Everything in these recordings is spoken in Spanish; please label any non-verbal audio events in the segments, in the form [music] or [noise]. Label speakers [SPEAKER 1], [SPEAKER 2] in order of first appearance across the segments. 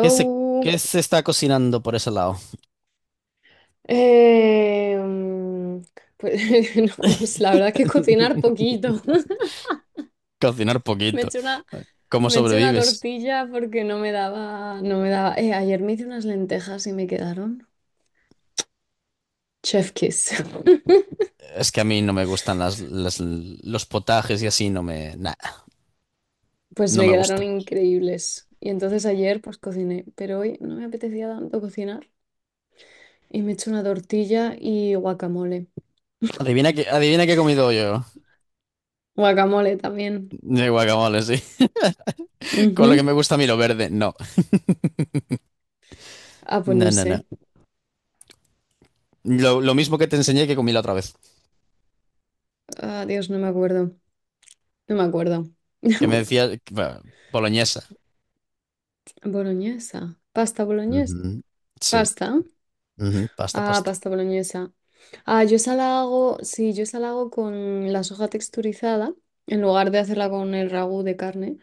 [SPEAKER 1] ¿Qué se, qué se está cocinando por ese lado?
[SPEAKER 2] Eh, mm, pues [laughs] no sé, la verdad que cocinar poquito.
[SPEAKER 1] [laughs]
[SPEAKER 2] [laughs]
[SPEAKER 1] Cocinar
[SPEAKER 2] Me
[SPEAKER 1] poquito.
[SPEAKER 2] eché una,
[SPEAKER 1] ¿Cómo
[SPEAKER 2] me eché una
[SPEAKER 1] sobrevives?
[SPEAKER 2] tortilla porque no me daba. Ayer me hice unas lentejas y me quedaron chef kiss. [laughs]
[SPEAKER 1] Es que a mí no me gustan los potajes y así, no me, nah,
[SPEAKER 2] Pues
[SPEAKER 1] no
[SPEAKER 2] me
[SPEAKER 1] me
[SPEAKER 2] quedaron
[SPEAKER 1] gusta.
[SPEAKER 2] increíbles. Y entonces ayer pues cociné, pero hoy no me apetecía tanto cocinar y me eché una tortilla y guacamole.
[SPEAKER 1] Adivina qué he comido yo.
[SPEAKER 2] Guacamole también.
[SPEAKER 1] De guacamole, sí. [laughs] Con lo que
[SPEAKER 2] Ujú.
[SPEAKER 1] me gusta a mí lo verde, no.
[SPEAKER 2] Ah, pues
[SPEAKER 1] No,
[SPEAKER 2] no
[SPEAKER 1] no, no.
[SPEAKER 2] sé.
[SPEAKER 1] Lo mismo que te enseñé que comí la otra vez.
[SPEAKER 2] Ah, Dios, no me acuerdo. No me acuerdo.
[SPEAKER 1] Que me
[SPEAKER 2] [laughs]
[SPEAKER 1] decía, bueno, boloñesa.
[SPEAKER 2] Boloñesa. Pasta boloñesa.
[SPEAKER 1] Ujú, sí.
[SPEAKER 2] Pasta.
[SPEAKER 1] Ujú, pasta,
[SPEAKER 2] Ah,
[SPEAKER 1] pasta.
[SPEAKER 2] pasta boloñesa. Ah, yo esa la hago, sí, yo esa la hago con la soja texturizada, en lugar de hacerla con el ragú de carne,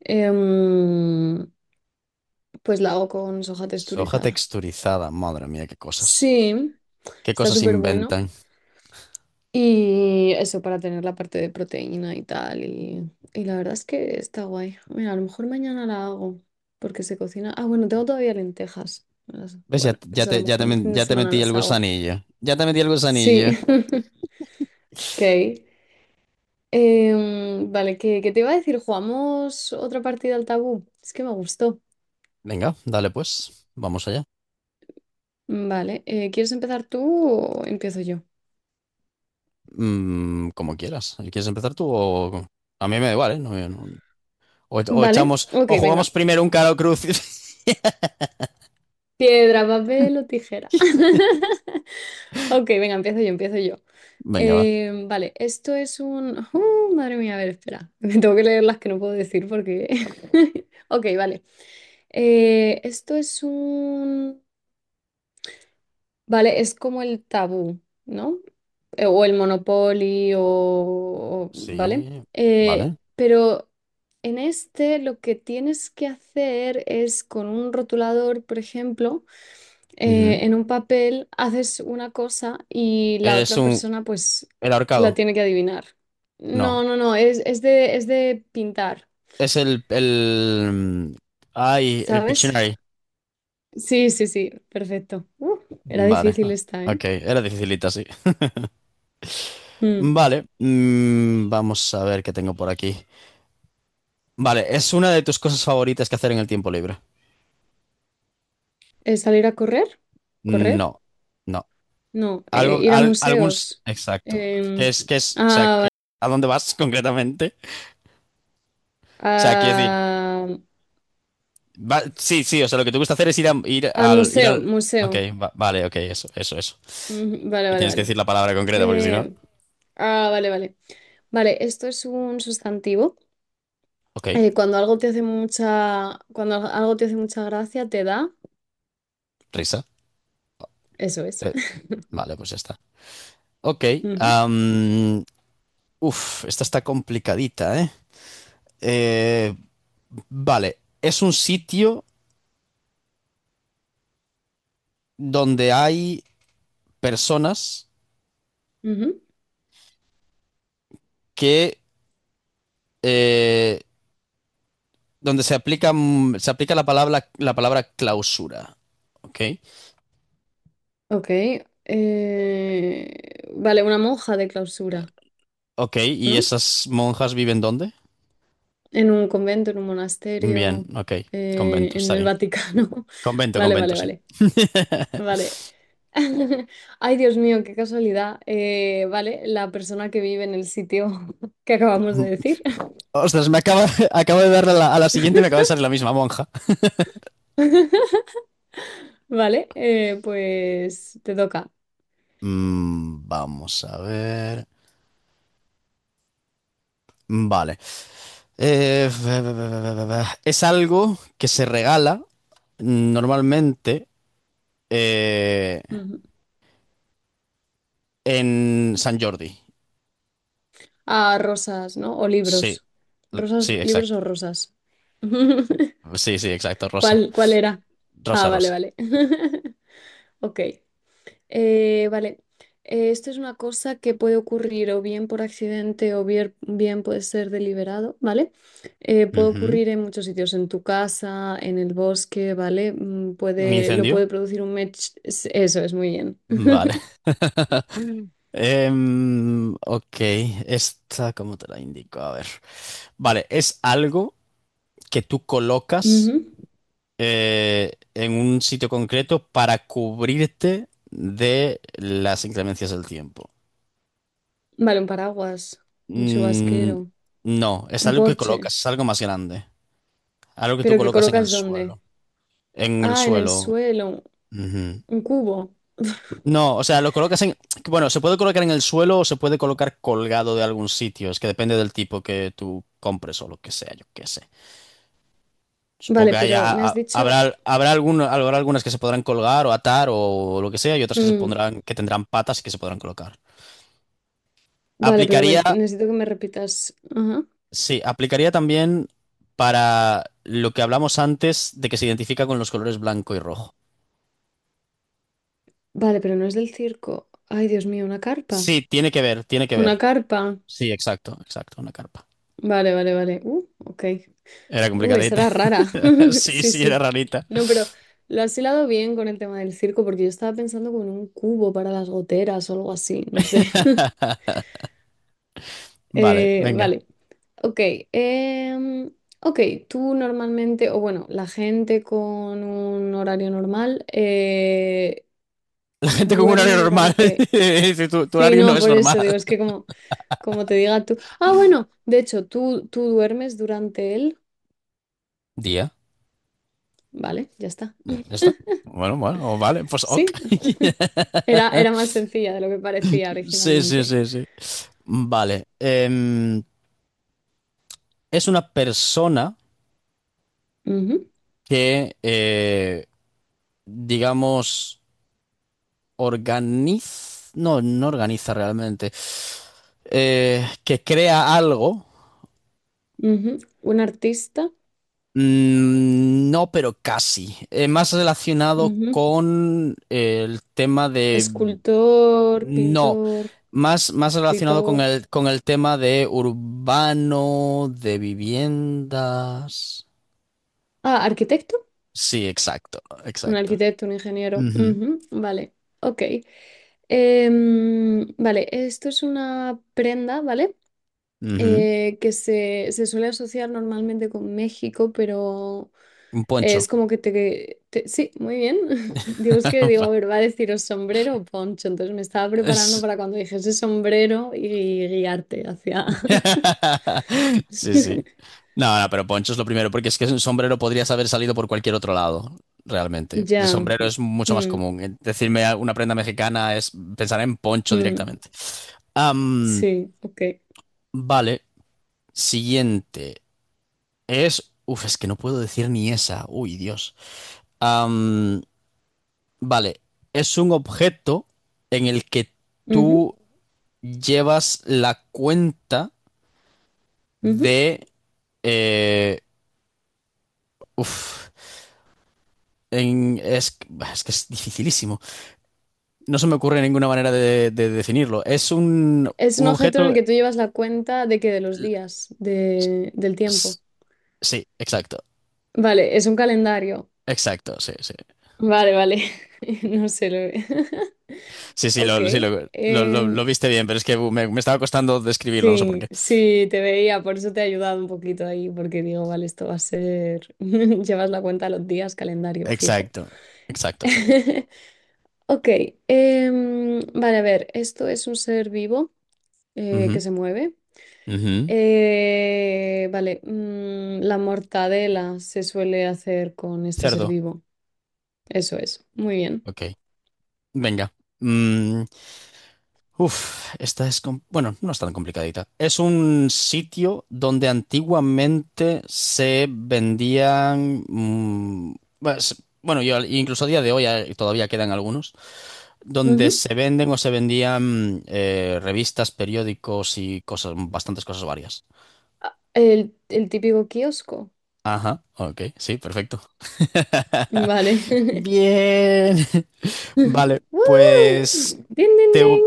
[SPEAKER 2] em, pues la hago con soja
[SPEAKER 1] Soja
[SPEAKER 2] texturizada.
[SPEAKER 1] texturizada, madre mía, qué cosas.
[SPEAKER 2] Sí,
[SPEAKER 1] ¿Qué
[SPEAKER 2] está
[SPEAKER 1] cosas
[SPEAKER 2] súper bueno.
[SPEAKER 1] inventan?
[SPEAKER 2] Y eso para tener la parte de proteína y tal. Y la verdad es que está guay. Mira, a lo mejor mañana la hago, porque se cocina. Ah, bueno, tengo todavía lentejas.
[SPEAKER 1] ¿Ves? Ya,
[SPEAKER 2] Bueno,
[SPEAKER 1] te,
[SPEAKER 2] pues a lo mejor el fin de
[SPEAKER 1] ya te
[SPEAKER 2] semana
[SPEAKER 1] metí el
[SPEAKER 2] las hago.
[SPEAKER 1] gusanillo. Ya te metí el gusanillo.
[SPEAKER 2] Sí, [laughs] ok. Vale, ¿ qué te iba a decir? ¿Jugamos otra partida al tabú? Es que me gustó.
[SPEAKER 1] Venga, dale pues. Vamos allá.
[SPEAKER 2] Vale, ¿quieres empezar tú o empiezo yo?
[SPEAKER 1] Como quieras. ¿Quieres empezar tú o...? A mí me da igual, ¿eh? No, yo no... O, o
[SPEAKER 2] Vale,
[SPEAKER 1] echamos...
[SPEAKER 2] ok,
[SPEAKER 1] O jugamos
[SPEAKER 2] venga.
[SPEAKER 1] primero un caro cruz.
[SPEAKER 2] Piedra, papel o tijera.
[SPEAKER 1] [laughs]
[SPEAKER 2] [laughs] Ok, venga, empiezo yo.
[SPEAKER 1] Venga, va.
[SPEAKER 2] Vale, esto es un... madre mía, a ver, espera. [laughs] Me tengo que leer las que no puedo decir porque... [laughs] Ok, vale. Esto es un... Vale, es como el tabú, ¿no? ¿O el Monopoly, o, vale?
[SPEAKER 1] Sí. Vale.
[SPEAKER 2] Pero en este lo que tienes que hacer es con un rotulador, por ejemplo,
[SPEAKER 1] Ujú.
[SPEAKER 2] en un papel haces una cosa y la
[SPEAKER 1] Es
[SPEAKER 2] otra
[SPEAKER 1] un...
[SPEAKER 2] persona pues
[SPEAKER 1] El
[SPEAKER 2] la
[SPEAKER 1] ahorcado.
[SPEAKER 2] tiene que adivinar. No,
[SPEAKER 1] No.
[SPEAKER 2] no, no, es de pintar,
[SPEAKER 1] Es el... Ay, el
[SPEAKER 2] ¿sabes?
[SPEAKER 1] Pictionary.
[SPEAKER 2] Sí, sí, sí, perfecto. Era
[SPEAKER 1] Vale.
[SPEAKER 2] difícil esta, ¿eh?
[SPEAKER 1] Ok, era dificilita, sí.
[SPEAKER 2] Mm.
[SPEAKER 1] Vale. Vamos a ver qué tengo por aquí. Vale, ¿es una de tus cosas favoritas que hacer en el tiempo libre?
[SPEAKER 2] ¿Es salir a correr? ¿Correr?
[SPEAKER 1] No, no.
[SPEAKER 2] No,
[SPEAKER 1] Algo,
[SPEAKER 2] ir a
[SPEAKER 1] algún... s-
[SPEAKER 2] museos.
[SPEAKER 1] exacto.
[SPEAKER 2] Em,
[SPEAKER 1] Qué es, o sea,
[SPEAKER 2] ah,
[SPEAKER 1] qué...
[SPEAKER 2] vale.
[SPEAKER 1] ¿a dónde vas [laughs] concretamente? O sea, quiero decir,
[SPEAKER 2] Ah,
[SPEAKER 1] va- sí, sí, o sea, lo que te gusta hacer es ir,
[SPEAKER 2] al
[SPEAKER 1] ir
[SPEAKER 2] museo,
[SPEAKER 1] al... Ok,
[SPEAKER 2] museo.
[SPEAKER 1] va- vale, ok, eso, eso, eso.
[SPEAKER 2] Ujú, vale,
[SPEAKER 1] Me
[SPEAKER 2] vale,
[SPEAKER 1] tienes que
[SPEAKER 2] vale.
[SPEAKER 1] decir la palabra concreta porque si no...
[SPEAKER 2] Eh, ah, vale, vale. Vale, esto es un sustantivo.
[SPEAKER 1] Ok,
[SPEAKER 2] Cuando algo te hace mucha, cuando algo te hace mucha gracia, te da.
[SPEAKER 1] risa.
[SPEAKER 2] Eso es.
[SPEAKER 1] Eh,
[SPEAKER 2] [laughs]
[SPEAKER 1] vale, pues ya está. Ok,
[SPEAKER 2] Ujú,
[SPEAKER 1] am, esta está complicadita, ¿eh? Eh, vale, es un sitio donde hay... personas
[SPEAKER 2] ujú.
[SPEAKER 1] que eh, donde se aplica, se aplica la palabra clausura. Ok,
[SPEAKER 2] Ok. Vale, una monja de clausura,
[SPEAKER 1] ok, ¿y
[SPEAKER 2] ¿no?
[SPEAKER 1] esas monjas viven dónde?
[SPEAKER 2] En un convento, en un
[SPEAKER 1] Bien,
[SPEAKER 2] monasterio,
[SPEAKER 1] ok, convento,
[SPEAKER 2] en
[SPEAKER 1] está
[SPEAKER 2] el
[SPEAKER 1] bien.
[SPEAKER 2] Vaticano. [laughs]
[SPEAKER 1] Convento,
[SPEAKER 2] Vale,
[SPEAKER 1] convento,
[SPEAKER 2] vale,
[SPEAKER 1] sí.
[SPEAKER 2] vale.
[SPEAKER 1] [laughs]
[SPEAKER 2] Vale. [laughs] Ay, Dios mío, qué casualidad. Vale, la persona que vive en el sitio [laughs] que acabamos de decir. [laughs]
[SPEAKER 1] Ostras, me acaba, [laughs] acabo de darle a la siguiente y me acaba de salir la misma monja.
[SPEAKER 2] Vale, pues te toca.
[SPEAKER 1] Vamos a ver. Vale. Ve- ve- ve- ve- ve- ve. Es algo que se regala normalmente eh,
[SPEAKER 2] Ujú.
[SPEAKER 1] en Sant Jordi.
[SPEAKER 2] Ah, rosas, ¿no? O
[SPEAKER 1] Sí,
[SPEAKER 2] libros. Rosas,
[SPEAKER 1] sí,
[SPEAKER 2] libros
[SPEAKER 1] exacto.
[SPEAKER 2] o rosas. [laughs]
[SPEAKER 1] Sí, sí, exacto. Rosa.
[SPEAKER 2] ¿Cuál, cuál era? Ah,
[SPEAKER 1] Rosa,
[SPEAKER 2] vale,
[SPEAKER 1] rosa.
[SPEAKER 2] vale. [laughs] Ok. Eh, vale, Eh, esto es una cosa que puede ocurrir o bien por accidente o bien puede ser deliberado, ¿vale? Puede
[SPEAKER 1] Ujú.
[SPEAKER 2] ocurrir en muchos sitios, en tu casa, en el bosque, ¿vale?
[SPEAKER 1] ¿Un
[SPEAKER 2] Puede, lo
[SPEAKER 1] incendio?
[SPEAKER 2] puede producir un mech, eso es muy bien.
[SPEAKER 1] Vale.
[SPEAKER 2] [laughs]
[SPEAKER 1] [laughs] Ok, esta, ¿cómo te la indico? A ver. Vale, es algo que tú
[SPEAKER 2] Ujú.
[SPEAKER 1] colocas en un sitio concreto para cubrirte de las inclemencias del tiempo.
[SPEAKER 2] Vale, un paraguas, un
[SPEAKER 1] Mm,
[SPEAKER 2] chubasquero,
[SPEAKER 1] no, es
[SPEAKER 2] un
[SPEAKER 1] algo que
[SPEAKER 2] porche,
[SPEAKER 1] colocas, es algo más grande. Algo que tú
[SPEAKER 2] ¿pero que
[SPEAKER 1] colocas en el
[SPEAKER 2] colocas dónde?
[SPEAKER 1] suelo. En el
[SPEAKER 2] Ah, en el
[SPEAKER 1] suelo.
[SPEAKER 2] suelo,
[SPEAKER 1] Ujú.
[SPEAKER 2] un cubo. [laughs]
[SPEAKER 1] No, o sea, lo colocas en... Bueno, se puede colocar en el suelo o se puede colocar colgado de algún sitio. Es que depende del tipo que tú compres o lo que sea, yo qué sé. Supongo
[SPEAKER 2] Vale,
[SPEAKER 1] que haya-
[SPEAKER 2] pero me has dicho...
[SPEAKER 1] habrá, algún- habrá algunas que se podrán colgar o atar o lo que sea y otras que se
[SPEAKER 2] mm,
[SPEAKER 1] pondrán, que tendrán patas y que se podrán colocar.
[SPEAKER 2] Vale, pero
[SPEAKER 1] Aplicaría,
[SPEAKER 2] me- necesito que me repitas. Ajá.
[SPEAKER 1] sí, aplicaría también para lo que hablamos antes de que se identifica con los colores blanco y rojo.
[SPEAKER 2] Vale, pero no es del circo. Ay, Dios mío, una carpa.
[SPEAKER 1] Sí, tiene que ver, tiene que
[SPEAKER 2] Una
[SPEAKER 1] ver.
[SPEAKER 2] carpa.
[SPEAKER 1] Sí, exacto, exacto, una carpa.
[SPEAKER 2] Vale, vale, vale. Ok.
[SPEAKER 1] Era
[SPEAKER 2] Esa
[SPEAKER 1] complicadita.
[SPEAKER 2] era rara.
[SPEAKER 1] [laughs]
[SPEAKER 2] [laughs]
[SPEAKER 1] Sí,
[SPEAKER 2] Sí,
[SPEAKER 1] sí, era
[SPEAKER 2] sí.
[SPEAKER 1] rarita.
[SPEAKER 2] No, pero lo has hilado bien con el tema del circo porque yo estaba pensando como en un cubo para las goteras o algo así, no sé. [laughs]
[SPEAKER 1] Vale, venga.
[SPEAKER 2] Vale. Ok. em, ok, tú normalmente, o bueno, la gente con un horario normal
[SPEAKER 1] [laughs] La gente con un horario
[SPEAKER 2] duerme
[SPEAKER 1] normal [laughs]
[SPEAKER 2] durante
[SPEAKER 1] dice, tu
[SPEAKER 2] Sí,
[SPEAKER 1] horario no
[SPEAKER 2] no,
[SPEAKER 1] es
[SPEAKER 2] por eso
[SPEAKER 1] normal.
[SPEAKER 2] digo, es que como, como te diga tú. Ah, bueno, de hecho, tú duermes durante él.
[SPEAKER 1] Día.
[SPEAKER 2] Vale, ya está.
[SPEAKER 1] Ya está. Bueno, bueno, vale, pues ok.
[SPEAKER 2] Sí, era,
[SPEAKER 1] [laughs]
[SPEAKER 2] era más sencilla de lo que parecía
[SPEAKER 1] Sí, sí,
[SPEAKER 2] originalmente.
[SPEAKER 1] sí, sí. Vale. Es una persona
[SPEAKER 2] Ujú,
[SPEAKER 1] que, digamos, organiza... No, no organiza realmente. Que crea algo.
[SPEAKER 2] ujú. Un artista,
[SPEAKER 1] No, pero casi. Más relacionado
[SPEAKER 2] ujú.
[SPEAKER 1] con el tema de...
[SPEAKER 2] Escultor,
[SPEAKER 1] No,
[SPEAKER 2] pintor,
[SPEAKER 1] más, más relacionado
[SPEAKER 2] escritor.
[SPEAKER 1] con el tema de urbano, de viviendas.
[SPEAKER 2] Ah, arquitecto.
[SPEAKER 1] Sí, exacto,
[SPEAKER 2] Un
[SPEAKER 1] exacto.
[SPEAKER 2] arquitecto, un ingeniero.
[SPEAKER 1] Ujú,
[SPEAKER 2] Ujú, vale, ok. Vale, esto es una prenda, ¿vale?
[SPEAKER 1] ujú.
[SPEAKER 2] Que se suele asociar normalmente con México, pero
[SPEAKER 1] Un
[SPEAKER 2] es
[SPEAKER 1] poncho.
[SPEAKER 2] como que te... sí, muy bien. [laughs] Digo, es que
[SPEAKER 1] [laughs]
[SPEAKER 2] digo, a ver, ¿va a deciros sombrero o poncho? Entonces me estaba preparando para cuando dijese sombrero y guiarte hacia...
[SPEAKER 1] [laughs] Sí, sí.
[SPEAKER 2] [laughs]
[SPEAKER 1] No, no, pero poncho es lo primero, porque es que un sombrero podrías haber salido por cualquier otro lado, realmente. Porque el
[SPEAKER 2] Ya.
[SPEAKER 1] sombrero es mucho más
[SPEAKER 2] Mm,
[SPEAKER 1] común. Decirme una prenda mexicana es pensar en poncho
[SPEAKER 2] mm,
[SPEAKER 1] directamente. Am,
[SPEAKER 2] sí, ok.
[SPEAKER 1] vale, siguiente. Es... Uf, es que no puedo decir ni esa. Uy, Dios. Am, vale, es un objeto en el que
[SPEAKER 2] Ujú,
[SPEAKER 1] tú llevas la cuenta
[SPEAKER 2] ujú.
[SPEAKER 1] de... eh, uf. en- es, es que es dificilísimo. No se me ocurre ninguna manera de definirlo. Es
[SPEAKER 2] Es
[SPEAKER 1] un
[SPEAKER 2] un objeto en
[SPEAKER 1] objeto.
[SPEAKER 2] el que tú llevas la cuenta de que de los días,
[SPEAKER 1] s-
[SPEAKER 2] de, del
[SPEAKER 1] s-
[SPEAKER 2] tiempo.
[SPEAKER 1] Sí, exacto.
[SPEAKER 2] Vale, es un calendario.
[SPEAKER 1] Exacto, sí, sí.
[SPEAKER 2] Vale, vale. [laughs] No sé lo he-
[SPEAKER 1] Sí,
[SPEAKER 2] Ok,
[SPEAKER 1] sí, lo, lo
[SPEAKER 2] em,
[SPEAKER 1] viste bien, pero es que me, me estaba costando describirlo, no sé por
[SPEAKER 2] sí,
[SPEAKER 1] qué.
[SPEAKER 2] sí, te veía, por eso te he ayudado un poquito ahí, porque digo, vale, esto va a ser, [laughs] llevas la cuenta a los días, calendario fijo.
[SPEAKER 1] Exacto, exacto, exacto.
[SPEAKER 2] [laughs] Ok, vale, a ver, esto es un ser vivo que
[SPEAKER 1] Ujú,
[SPEAKER 2] se mueve.
[SPEAKER 1] ujú.
[SPEAKER 2] Vale, la mortadela se suele hacer con este ser
[SPEAKER 1] Cerdo,
[SPEAKER 2] vivo, eso es, muy bien.
[SPEAKER 1] ok. Venga. Mm, Esta es... com- bueno, no es tan complicadita. Es un sitio donde antiguamente se vendían... pues, bueno, yo, incluso a día de hoy todavía quedan algunos, donde
[SPEAKER 2] Ujú.
[SPEAKER 1] se venden o se vendían revistas, periódicos y cosas, bastantes cosas varias.
[SPEAKER 2] El típico kiosco,
[SPEAKER 1] Ajá, ok, sí, perfecto. [laughs]
[SPEAKER 2] vale. [laughs]
[SPEAKER 1] Bien. Vale,
[SPEAKER 2] [laughs] ¡Woo!
[SPEAKER 1] pues...
[SPEAKER 2] ¡Ding, ding,
[SPEAKER 1] Te,
[SPEAKER 2] ding!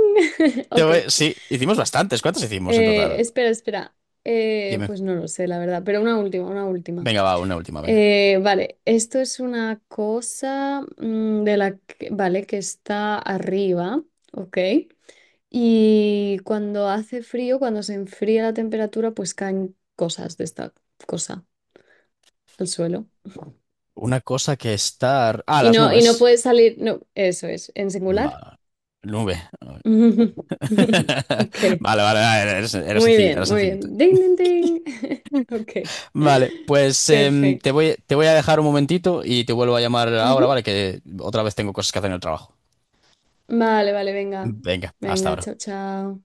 [SPEAKER 2] [laughs]
[SPEAKER 1] te,
[SPEAKER 2] Ok.
[SPEAKER 1] voy- sí, hicimos bastantes. ¿Cuántos hicimos en total?
[SPEAKER 2] Espera, espera.
[SPEAKER 1] Dime.
[SPEAKER 2] Pues no lo sé, la verdad, pero una última, una última.
[SPEAKER 1] Venga, va, una última, venga.
[SPEAKER 2] Vale, esto es una cosa de la que, vale, que está arriba, ok. Y cuando hace frío, cuando se enfría la temperatura, pues caen cosas de esta cosa al suelo.
[SPEAKER 1] Una cosa que estar... Ah, las
[SPEAKER 2] Y
[SPEAKER 1] nubes.
[SPEAKER 2] no puede salir, no, eso es, en singular.
[SPEAKER 1] Va. Nube.
[SPEAKER 2] [laughs]
[SPEAKER 1] [laughs]
[SPEAKER 2] Ok.
[SPEAKER 1] Vale, vale, vale, era, era
[SPEAKER 2] Muy
[SPEAKER 1] sencillita, era
[SPEAKER 2] bien, muy
[SPEAKER 1] sencillita.
[SPEAKER 2] bien. Ding, ding, ding. [laughs] Ok.
[SPEAKER 1] Vale, pues
[SPEAKER 2] Perfecto.
[SPEAKER 1] te voy a dejar un momentito y te vuelvo a llamar ahora,
[SPEAKER 2] Ujú.
[SPEAKER 1] ¿vale? Que otra vez tengo cosas que hacer en el trabajo.
[SPEAKER 2] Vale, vale, venga.
[SPEAKER 1] Venga, hasta
[SPEAKER 2] Venga,
[SPEAKER 1] ahora.
[SPEAKER 2] chao, chao.